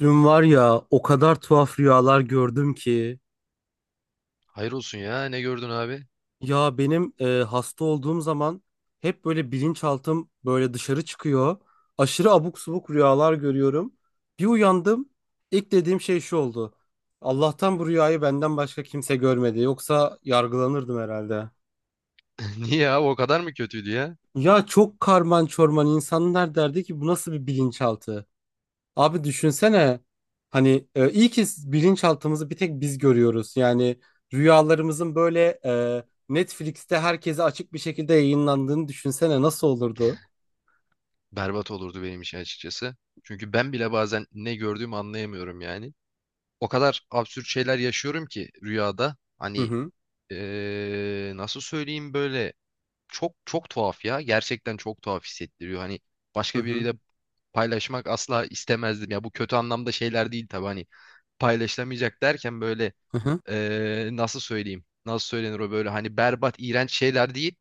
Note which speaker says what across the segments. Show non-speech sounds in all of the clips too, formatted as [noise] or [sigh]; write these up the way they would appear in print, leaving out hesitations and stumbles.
Speaker 1: Dün var ya, o kadar tuhaf rüyalar gördüm ki.
Speaker 2: Hayır olsun ya. Ne gördün abi?
Speaker 1: Ya benim hasta olduğum zaman hep böyle bilinçaltım böyle dışarı çıkıyor. Aşırı abuk subuk rüyalar görüyorum. Bir uyandım, ilk dediğim şey şu oldu. Allah'tan bu rüyayı benden başka kimse görmedi, yoksa yargılanırdım herhalde.
Speaker 2: [laughs] Niye abi o kadar mı kötüydü ya?
Speaker 1: Ya çok karman çorman, insanlar derdi ki bu nasıl bir bilinçaltı? Abi düşünsene, hani iyi ki bilinçaltımızı bir tek biz görüyoruz. Yani rüyalarımızın böyle Netflix'te herkese açık bir şekilde yayınlandığını düşünsene, nasıl olurdu?
Speaker 2: Berbat olurdu benim için açıkçası. Çünkü ben bile bazen ne gördüğümü anlayamıyorum yani. O kadar absürt şeyler yaşıyorum ki rüyada.
Speaker 1: Hı hı
Speaker 2: Nasıl söyleyeyim böyle çok çok tuhaf ya. Gerçekten çok tuhaf hissettiriyor. Hani
Speaker 1: hı
Speaker 2: başka
Speaker 1: hı
Speaker 2: biriyle paylaşmak asla istemezdim. Ya bu kötü anlamda şeyler değil tabii. Hani paylaşılamayacak derken böyle
Speaker 1: hı hı.
Speaker 2: eee, nasıl söyleyeyim? Nasıl söylenir o böyle hani berbat, iğrenç şeyler değil.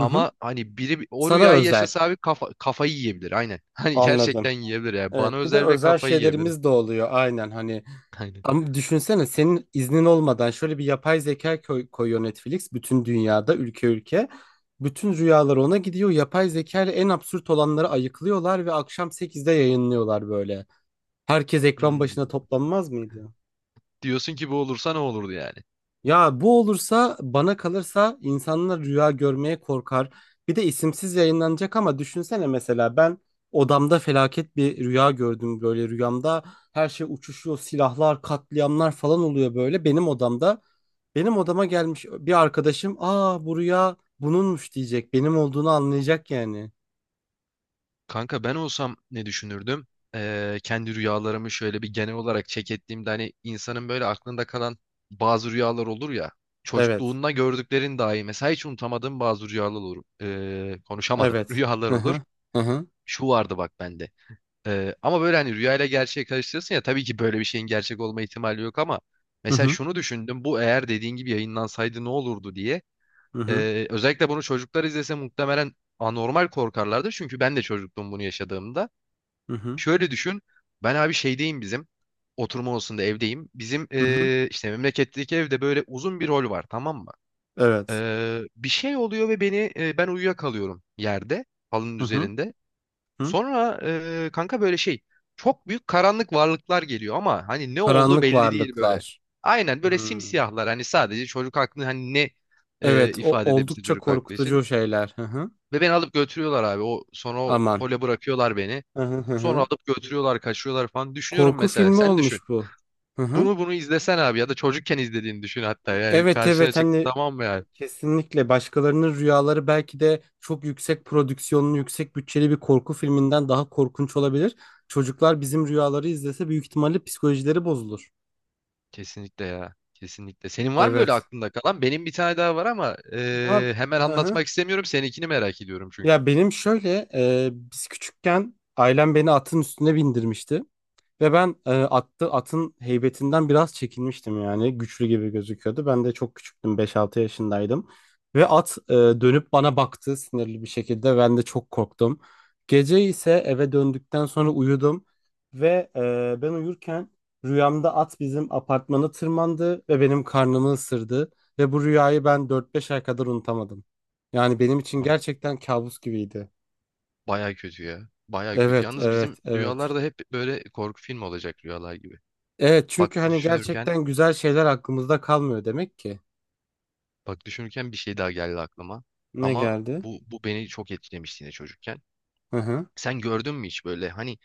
Speaker 1: Hı hı.
Speaker 2: hani biri o
Speaker 1: Sana
Speaker 2: rüyayı
Speaker 1: özel.
Speaker 2: yaşasa abi kafayı yiyebilir aynen. [laughs] Hani
Speaker 1: Anladım.
Speaker 2: gerçekten yiyebilir yani. Bana
Speaker 1: Evet, bir de
Speaker 2: özel ve
Speaker 1: özel
Speaker 2: kafayı yiyebilir.
Speaker 1: şeylerimiz de oluyor. Aynen hani.
Speaker 2: [laughs] Aynen.
Speaker 1: Ama düşünsene, senin iznin olmadan şöyle bir yapay zeka koyuyor Netflix bütün dünyada, ülke ülke. Bütün rüyalar ona gidiyor. Yapay zeka ile en absürt olanları ayıklıyorlar ve akşam sekizde yayınlıyorlar böyle. Herkes ekran
Speaker 2: Hmm.
Speaker 1: başına toplanmaz mıydı?
Speaker 2: Diyorsun ki bu olursa ne olurdu yani?
Speaker 1: Ya bu olursa, bana kalırsa insanlar rüya görmeye korkar. Bir de isimsiz yayınlanacak, ama düşünsene mesela ben odamda felaket bir rüya gördüm, böyle rüyamda her şey uçuşuyor, silahlar, katliamlar falan oluyor böyle benim odamda. Benim odama gelmiş bir arkadaşım, aa bu rüya bununmuş diyecek, benim olduğunu anlayacak yani.
Speaker 2: Kanka ben olsam ne düşünürdüm? Kendi rüyalarımı şöyle bir genel olarak check ettiğimde hani insanın böyle aklında kalan bazı rüyalar olur ya.
Speaker 1: Evet,
Speaker 2: Çocukluğunda gördüklerin dahi mesela hiç unutamadığım bazı rüyalar olur. Konuşamadım. [laughs]
Speaker 1: evet.
Speaker 2: Rüyalar
Speaker 1: Hı
Speaker 2: olur.
Speaker 1: hı hı hı
Speaker 2: Şu vardı bak bende. Ama böyle hani rüyayla gerçeği karıştırırsın ya, tabii ki böyle bir şeyin gerçek olma ihtimali yok, ama
Speaker 1: hı
Speaker 2: mesela
Speaker 1: hı
Speaker 2: şunu düşündüm, bu eğer dediğin gibi yayınlansaydı ne olurdu diye.
Speaker 1: hı
Speaker 2: Özellikle bunu çocuklar izlese muhtemelen anormal korkarlardı, çünkü ben de çocuktum bunu yaşadığımda.
Speaker 1: hı hı hı.
Speaker 2: Şöyle düşün, ben abi şeydeyim, bizim oturma odasında, evdeyim. Bizim
Speaker 1: Hı hı.
Speaker 2: ee, işte memleketteki evde böyle uzun bir rol var, tamam mı?
Speaker 1: Evet.
Speaker 2: Bir şey oluyor ve ben uyuyakalıyorum yerde, halının
Speaker 1: Hı hı
Speaker 2: üzerinde.
Speaker 1: hı.
Speaker 2: Sonra kanka böyle şey, çok büyük karanlık varlıklar geliyor ama hani ne oldu
Speaker 1: Karanlık
Speaker 2: belli değil böyle.
Speaker 1: varlıklar.
Speaker 2: Aynen böyle
Speaker 1: Hmm.
Speaker 2: simsiyahlar, hani sadece çocuk aklını hani
Speaker 1: Evet, o
Speaker 2: ifade edebilsin
Speaker 1: oldukça
Speaker 2: çocuk aklı için.
Speaker 1: korkutucu şeyler. Hı hı.
Speaker 2: Ve beni alıp götürüyorlar abi, o sonra o
Speaker 1: Aman.
Speaker 2: hole bırakıyorlar beni.
Speaker 1: Hı hı hı.
Speaker 2: Sonra
Speaker 1: Hı.
Speaker 2: alıp götürüyorlar, kaçıyorlar falan, düşünüyorum
Speaker 1: Korku
Speaker 2: mesela,
Speaker 1: filmi
Speaker 2: sen düşün.
Speaker 1: olmuş bu. Hı hı.
Speaker 2: Bunu izlesen abi, ya da çocukken izlediğini düşün hatta, yani
Speaker 1: Evet,
Speaker 2: karşına
Speaker 1: evet,
Speaker 2: çıktı
Speaker 1: hani
Speaker 2: tamam mı yani.
Speaker 1: kesinlikle başkalarının rüyaları belki de çok yüksek prodüksiyonlu, yüksek bütçeli bir korku filminden daha korkunç olabilir. Çocuklar bizim rüyaları izlese büyük ihtimalle psikolojileri bozulur.
Speaker 2: Kesinlikle ya. Kesinlikle. Senin var mı öyle
Speaker 1: Evet.
Speaker 2: aklında kalan? Benim bir tane daha var ama
Speaker 1: Ya,
Speaker 2: hemen
Speaker 1: hı hı.
Speaker 2: anlatmak istemiyorum. Seninkini merak ediyorum çünkü.
Speaker 1: Ya benim şöyle, biz küçükken ailem beni atın üstüne bindirmişti. Ve ben, atın heybetinden biraz çekinmiştim yani. Güçlü gibi gözüküyordu. Ben de çok küçüktüm, beş altı yaşındaydım. Ve at, dönüp bana baktı sinirli bir şekilde. Ben de çok korktum. Gece ise eve döndükten sonra uyudum. Ve ben uyurken rüyamda at bizim apartmanı tırmandı ve benim karnımı ısırdı. Ve bu rüyayı ben dört beş ay kadar unutamadım. Yani benim için
Speaker 2: Abi,
Speaker 1: gerçekten kabus gibiydi.
Speaker 2: baya kötü ya. Baya kötü.
Speaker 1: Evet,
Speaker 2: Yalnız bizim
Speaker 1: evet, evet.
Speaker 2: rüyalar da hep böyle korku filmi olacak rüyalar gibi.
Speaker 1: Evet,
Speaker 2: Bak
Speaker 1: çünkü hani
Speaker 2: düşünürken,
Speaker 1: gerçekten güzel şeyler aklımızda kalmıyor demek ki.
Speaker 2: bak düşünürken, bir şey daha geldi aklıma.
Speaker 1: Ne
Speaker 2: Ama
Speaker 1: geldi?
Speaker 2: bu beni çok etkilemişti yine çocukken.
Speaker 1: Hı hı.
Speaker 2: Sen gördün mü hiç böyle hani,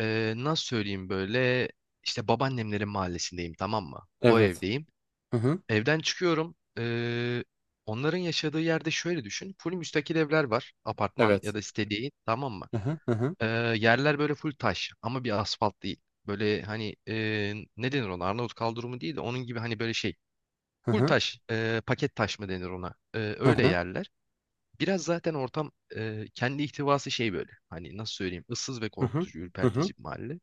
Speaker 2: nasıl söyleyeyim böyle, işte babaannemlerin mahallesindeyim, tamam mı? O
Speaker 1: Evet.
Speaker 2: evdeyim.
Speaker 1: Hı hı.
Speaker 2: Evden çıkıyorum. Onların yaşadığı yerde şöyle düşün. Full müstakil evler var. Apartman ya
Speaker 1: Evet.
Speaker 2: da site değil. Tamam mı?
Speaker 1: Hı hı. Hı hı.
Speaker 2: Ee, Yerler böyle full taş ama bir asfalt değil. Böyle hani ne denir ona? Arnavut kaldırımı değil de onun gibi hani böyle şey.
Speaker 1: Hı
Speaker 2: Full
Speaker 1: hı.
Speaker 2: taş, paket taş mı denir ona?
Speaker 1: Hı
Speaker 2: Öyle
Speaker 1: hı.
Speaker 2: yerler. Biraz zaten ortam, kendi ihtivası şey böyle. Hani nasıl söyleyeyim? Issız ve
Speaker 1: Hı hı.
Speaker 2: korkutucu,
Speaker 1: Hı hı.
Speaker 2: ürpertici bir mahalle.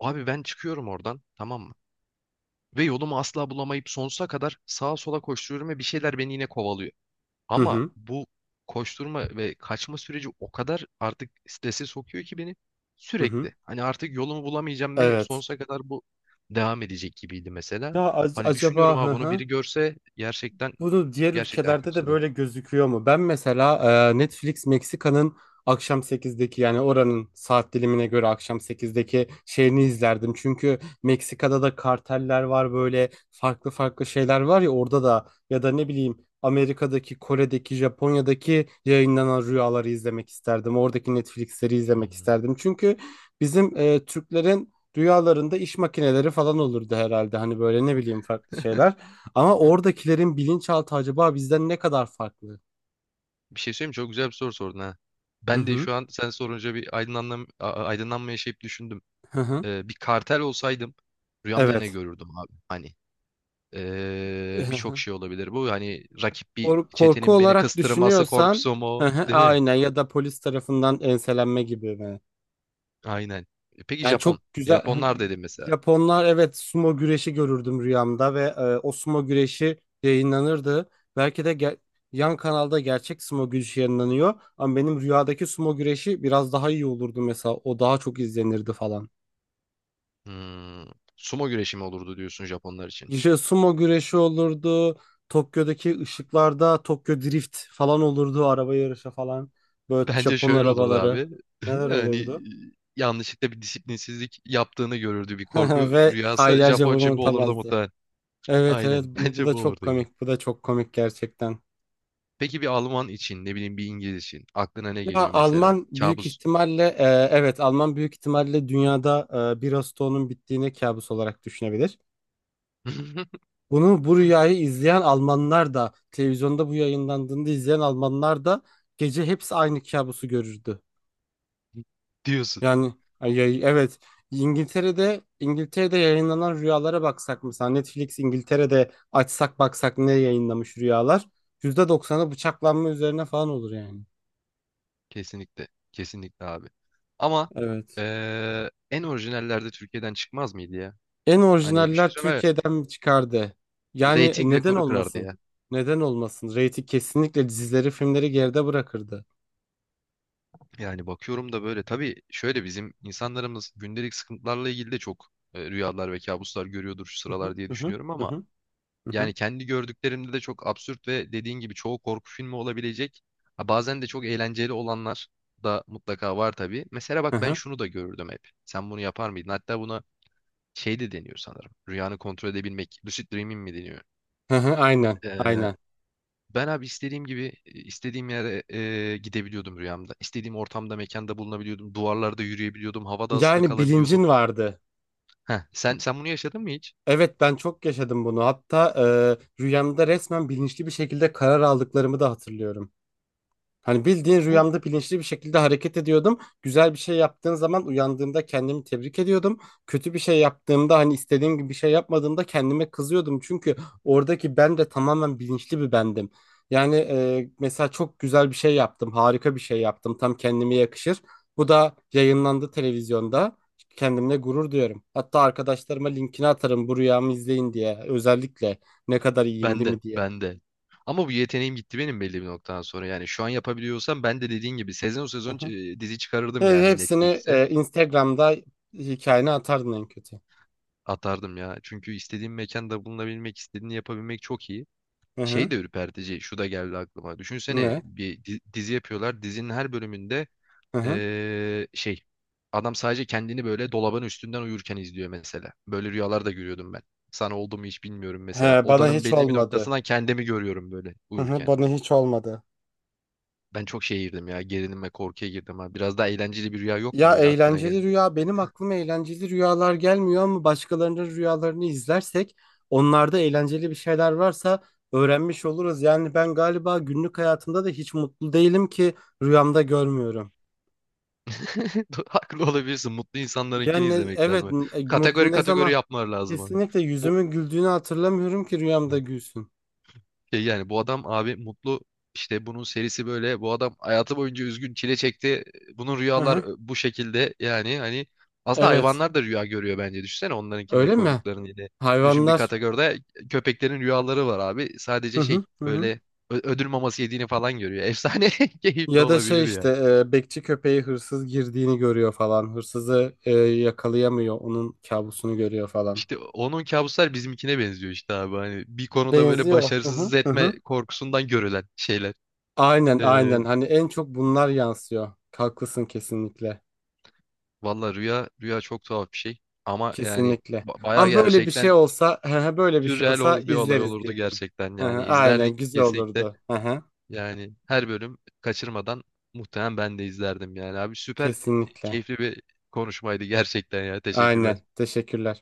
Speaker 2: Abi ben çıkıyorum oradan, tamam mı? Ve yolumu asla bulamayıp sonsuza kadar sağa sola koşturuyorum ve bir şeyler beni yine kovalıyor.
Speaker 1: Hı
Speaker 2: Ama
Speaker 1: hı.
Speaker 2: bu koşturma ve kaçma süreci o kadar artık strese sokuyor ki beni
Speaker 1: Hı hı.
Speaker 2: sürekli. Hani artık yolumu bulamayacağım ve
Speaker 1: Evet.
Speaker 2: sonsuza kadar bu devam edecek gibiydi mesela.
Speaker 1: Ya
Speaker 2: Hani düşünüyorum,
Speaker 1: acaba,
Speaker 2: ha
Speaker 1: hı
Speaker 2: bunu
Speaker 1: hı.
Speaker 2: biri görse gerçekten
Speaker 1: Bunu diğer
Speaker 2: gerçekten
Speaker 1: ülkelerde de
Speaker 2: kötüse de.
Speaker 1: böyle gözüküyor mu? Ben mesela Netflix Meksika'nın akşam sekizdeki, yani oranın saat dilimine göre akşam sekizdeki şeyini izlerdim. Çünkü Meksika'da da karteller var, böyle farklı farklı şeyler var ya orada da. Ya da ne bileyim, Amerika'daki, Kore'deki, Japonya'daki yayınlanan rüyaları izlemek isterdim. Oradaki Netflix'leri izlemek
Speaker 2: Hmm.
Speaker 1: isterdim. Çünkü bizim, Türklerin rüyalarında iş makineleri falan olurdu herhalde. Hani böyle, ne bileyim, farklı şeyler. Ama oradakilerin bilinçaltı acaba bizden ne kadar farklı?
Speaker 2: Bir şey söyleyeyim mi? Çok güzel bir soru sordun ha.
Speaker 1: Hı
Speaker 2: Ben de
Speaker 1: hı.
Speaker 2: şu an sen sorunca bir aydınlanma yaşayıp düşündüm.
Speaker 1: Hı hı.
Speaker 2: Bir kartel olsaydım rüyamda ne
Speaker 1: Evet.
Speaker 2: görürdüm abi? Hani
Speaker 1: Hı
Speaker 2: Birçok
Speaker 1: hı.
Speaker 2: şey olabilir bu. Hani rakip bir
Speaker 1: Korku
Speaker 2: çetenin beni
Speaker 1: olarak
Speaker 2: kıstırması
Speaker 1: düşünüyorsan,
Speaker 2: korkusu
Speaker 1: hı
Speaker 2: mu?
Speaker 1: hı,
Speaker 2: Değil mi?
Speaker 1: aynen, ya da polis tarafından enselenme gibi mi?
Speaker 2: Aynen. E, peki
Speaker 1: Yani
Speaker 2: Japon.
Speaker 1: çok güzel.
Speaker 2: Japonlar dedim mesela.
Speaker 1: Japonlar, evet, sumo güreşi görürdüm rüyamda ve o sumo güreşi yayınlanırdı. Belki de, yan kanalda gerçek sumo güreşi yayınlanıyor ama benim rüyadaki sumo güreşi biraz daha iyi olurdu mesela. O daha çok izlenirdi falan.
Speaker 2: Hmm, sumo güreşi mi olurdu diyorsun Japonlar için?
Speaker 1: İşte sumo güreşi olurdu. Tokyo'daki ışıklarda Tokyo Drift falan olurdu. Araba yarışı falan.
Speaker 2: [laughs]
Speaker 1: Böyle
Speaker 2: Bence
Speaker 1: Japon
Speaker 2: şöyle olurdu
Speaker 1: arabaları.
Speaker 2: abi. [laughs]
Speaker 1: Neler
Speaker 2: Hani
Speaker 1: olurdu.
Speaker 2: yanlışlıkla bir disiplinsizlik yaptığını görürdü, bir
Speaker 1: [laughs]
Speaker 2: korku
Speaker 1: Ve
Speaker 2: rüyası.
Speaker 1: aylarca
Speaker 2: Japon
Speaker 1: bunu
Speaker 2: için bu olurdu
Speaker 1: unutamazdı.
Speaker 2: muhtemelen.
Speaker 1: Evet, evet,
Speaker 2: Aynen. [laughs]
Speaker 1: bu
Speaker 2: Bence
Speaker 1: da
Speaker 2: bu
Speaker 1: çok
Speaker 2: olurdu gibi.
Speaker 1: komik. Bu da çok komik gerçekten.
Speaker 2: Peki bir Alman için, ne bileyim, bir İngiliz için aklına ne
Speaker 1: Ya
Speaker 2: geliyor mesela?
Speaker 1: Alman büyük
Speaker 2: Kabus.
Speaker 1: ihtimalle, evet, Alman büyük ihtimalle dünyada bir Ağustos'un bittiğini kabus olarak düşünebilir.
Speaker 2: [laughs]
Speaker 1: Bunu, bu rüyayı izleyen Almanlar da, televizyonda bu yayınlandığında izleyen Almanlar da gece hepsi aynı kabusu görürdü.
Speaker 2: diyorsun.
Speaker 1: Yani, ay, ay, evet, İngiltere'de yayınlanan rüyalara baksak, mesela Netflix İngiltere'de açsak, baksak ne yayınlamış rüyalar, %90'ı bıçaklanma üzerine falan olur yani.
Speaker 2: Kesinlikle. Kesinlikle abi. Ama
Speaker 1: Evet.
Speaker 2: en orijinallerde Türkiye'den çıkmaz mıydı ya?
Speaker 1: En
Speaker 2: Hani bir şey
Speaker 1: orijinaller
Speaker 2: söyleme.
Speaker 1: Türkiye'den mi çıkardı? Yani
Speaker 2: Rating
Speaker 1: neden
Speaker 2: rekoru kırardı
Speaker 1: olmasın?
Speaker 2: ya.
Speaker 1: Neden olmasın? Reyting kesinlikle dizileri, filmleri geride bırakırdı.
Speaker 2: Yani bakıyorum da böyle tabii şöyle, bizim insanlarımız gündelik sıkıntılarla ilgili de çok rüyalar ve kabuslar görüyordur şu
Speaker 1: Hı hı
Speaker 2: sıralar diye
Speaker 1: hı
Speaker 2: düşünüyorum
Speaker 1: hı
Speaker 2: ama
Speaker 1: hı
Speaker 2: yani
Speaker 1: hı
Speaker 2: kendi gördüklerimde de çok absürt ve dediğin gibi çoğu korku filmi olabilecek. Ha, bazen de çok eğlenceli olanlar da mutlaka var tabii. Mesela
Speaker 1: hı
Speaker 2: bak ben
Speaker 1: hı
Speaker 2: şunu da görürdüm hep. Sen bunu yapar mıydın? Hatta buna şey de deniyor sanırım. Rüyanı kontrol edebilmek. Lucid Dreaming mi deniyor?
Speaker 1: hı hı, aynen,
Speaker 2: Ee,
Speaker 1: aynen.
Speaker 2: Ben abi istediğim gibi istediğim yere gidebiliyordum rüyamda. İstediğim ortamda, mekanda bulunabiliyordum. Duvarlarda yürüyebiliyordum. Havada asılı
Speaker 1: Yani
Speaker 2: kalabiliyordum.
Speaker 1: bilincin vardı.
Speaker 2: Heh, sen bunu yaşadın mı hiç?
Speaker 1: Evet, ben çok yaşadım bunu. Hatta rüyamda resmen bilinçli bir şekilde karar aldıklarımı da hatırlıyorum. Hani bildiğin
Speaker 2: Bu
Speaker 1: rüyamda bilinçli bir şekilde hareket ediyordum. Güzel bir şey yaptığım zaman uyandığımda kendimi tebrik ediyordum. Kötü bir şey yaptığımda, hani istediğim gibi bir şey yapmadığımda kendime kızıyordum. Çünkü oradaki ben de tamamen bilinçli bir bendim. Yani, mesela çok güzel bir şey yaptım, harika bir şey yaptım. Tam kendime yakışır. Bu da yayınlandı televizyonda. Kendimle gurur duyuyorum. Hatta arkadaşlarıma linkini atarım, bu rüyamı izleyin diye. Özellikle ne kadar iyiyim değil
Speaker 2: bende,
Speaker 1: mi diye.
Speaker 2: bende. Ama bu yeteneğim gitti benim belli bir noktadan sonra. Yani şu an yapabiliyorsam ben de dediğin gibi sezon sezon dizi
Speaker 1: He-
Speaker 2: çıkarırdım yani
Speaker 1: Hepsini
Speaker 2: Netflix'e.
Speaker 1: Instagram'da hikayene atardın en kötü.
Speaker 2: Atardım ya. Çünkü istediğim mekanda bulunabilmek, istediğini yapabilmek çok iyi.
Speaker 1: Hı
Speaker 2: Şey
Speaker 1: hı.
Speaker 2: de ürpertici. Şu da geldi aklıma. Düşünsene
Speaker 1: Ne?
Speaker 2: bir dizi yapıyorlar. Dizinin her bölümünde
Speaker 1: Hı hı.
Speaker 2: eee, şey adam sadece kendini böyle dolabın üstünden uyurken izliyor mesela. Böyle rüyalar da görüyordum ben. Sana oldu mu hiç bilmiyorum mesela.
Speaker 1: He, bana
Speaker 2: Odanın
Speaker 1: hiç
Speaker 2: belli bir
Speaker 1: olmadı.
Speaker 2: noktasından kendimi görüyorum böyle
Speaker 1: Hı hı,
Speaker 2: uyurken.
Speaker 1: bana hiç olmadı.
Speaker 2: Ben çok şeye girdim ya. Gerilim ve korkuya girdim ha. Biraz daha eğlenceli bir rüya yok mu
Speaker 1: Ya
Speaker 2: böyle aklına
Speaker 1: eğlenceli
Speaker 2: gelen?
Speaker 1: rüya, benim aklıma eğlenceli rüyalar gelmiyor, ama başkalarının rüyalarını izlersek onlarda eğlenceli bir şeyler varsa öğrenmiş oluruz. Yani ben galiba günlük hayatımda da hiç mutlu değilim ki rüyamda görmüyorum.
Speaker 2: [laughs] Haklı olabilirsin. Mutlu insanlarınkini
Speaker 1: Yani
Speaker 2: izlemek
Speaker 1: evet,
Speaker 2: lazım. Kategori
Speaker 1: mutlu ne
Speaker 2: kategori
Speaker 1: zaman,
Speaker 2: yapmalar lazım, abi.
Speaker 1: kesinlikle yüzümün güldüğünü hatırlamıyorum ki rüyamda gülsün.
Speaker 2: Şey yani, bu adam abi mutlu, işte bunun serisi böyle, bu adam hayatı boyunca üzgün, çile çekti. Bunun
Speaker 1: Hı
Speaker 2: rüyalar e,
Speaker 1: hı.
Speaker 2: bu şekilde yani hani aslında
Speaker 1: Evet.
Speaker 2: hayvanlar da rüya görüyor bence, düşünsene onlarınkini de
Speaker 1: Öyle mi?
Speaker 2: koyduklarını yine. Düşün, bir
Speaker 1: Hayvanlar.
Speaker 2: kategoride köpeklerin rüyaları var abi, sadece
Speaker 1: Hı
Speaker 2: şey
Speaker 1: hı hı. Hı.
Speaker 2: böyle, ödül maması yediğini falan görüyor. Efsane [laughs] keyifli
Speaker 1: Ya da şey
Speaker 2: olabilir ya.
Speaker 1: işte, bekçi köpeği hırsız girdiğini görüyor falan. Hırsızı yakalayamıyor. Onun kabusunu görüyor falan.
Speaker 2: İşte onun kabuslar bizimkine benziyor işte abi, hani bir konuda böyle
Speaker 1: Benziyor. Hı
Speaker 2: başarısız
Speaker 1: hı. Hı
Speaker 2: etme
Speaker 1: hı.
Speaker 2: korkusundan görülen şeyler.
Speaker 1: Aynen,
Speaker 2: Ee,
Speaker 1: aynen. Hani en çok bunlar yansıyor. Haklısın kesinlikle.
Speaker 2: Valla rüya rüya çok tuhaf bir şey ama yani
Speaker 1: Kesinlikle.
Speaker 2: bayağı
Speaker 1: Ama böyle bir şey
Speaker 2: gerçekten
Speaker 1: olsa, [laughs] hı hı, böyle bir şey
Speaker 2: sürreal
Speaker 1: olsa
Speaker 2: o- bir olay
Speaker 1: izleriz
Speaker 2: olurdu
Speaker 1: diyelim.
Speaker 2: gerçekten,
Speaker 1: Hı
Speaker 2: yani
Speaker 1: hı, aynen,
Speaker 2: izlerdik
Speaker 1: güzel
Speaker 2: kesinlikle,
Speaker 1: olurdu. Hı hı,
Speaker 2: yani her bölüm kaçırmadan muhtemelen ben de izlerdim yani abi, süper
Speaker 1: kesinlikle.
Speaker 2: keyifli bir konuşmaydı gerçekten ya, teşekkürler.
Speaker 1: Aynen. Teşekkürler.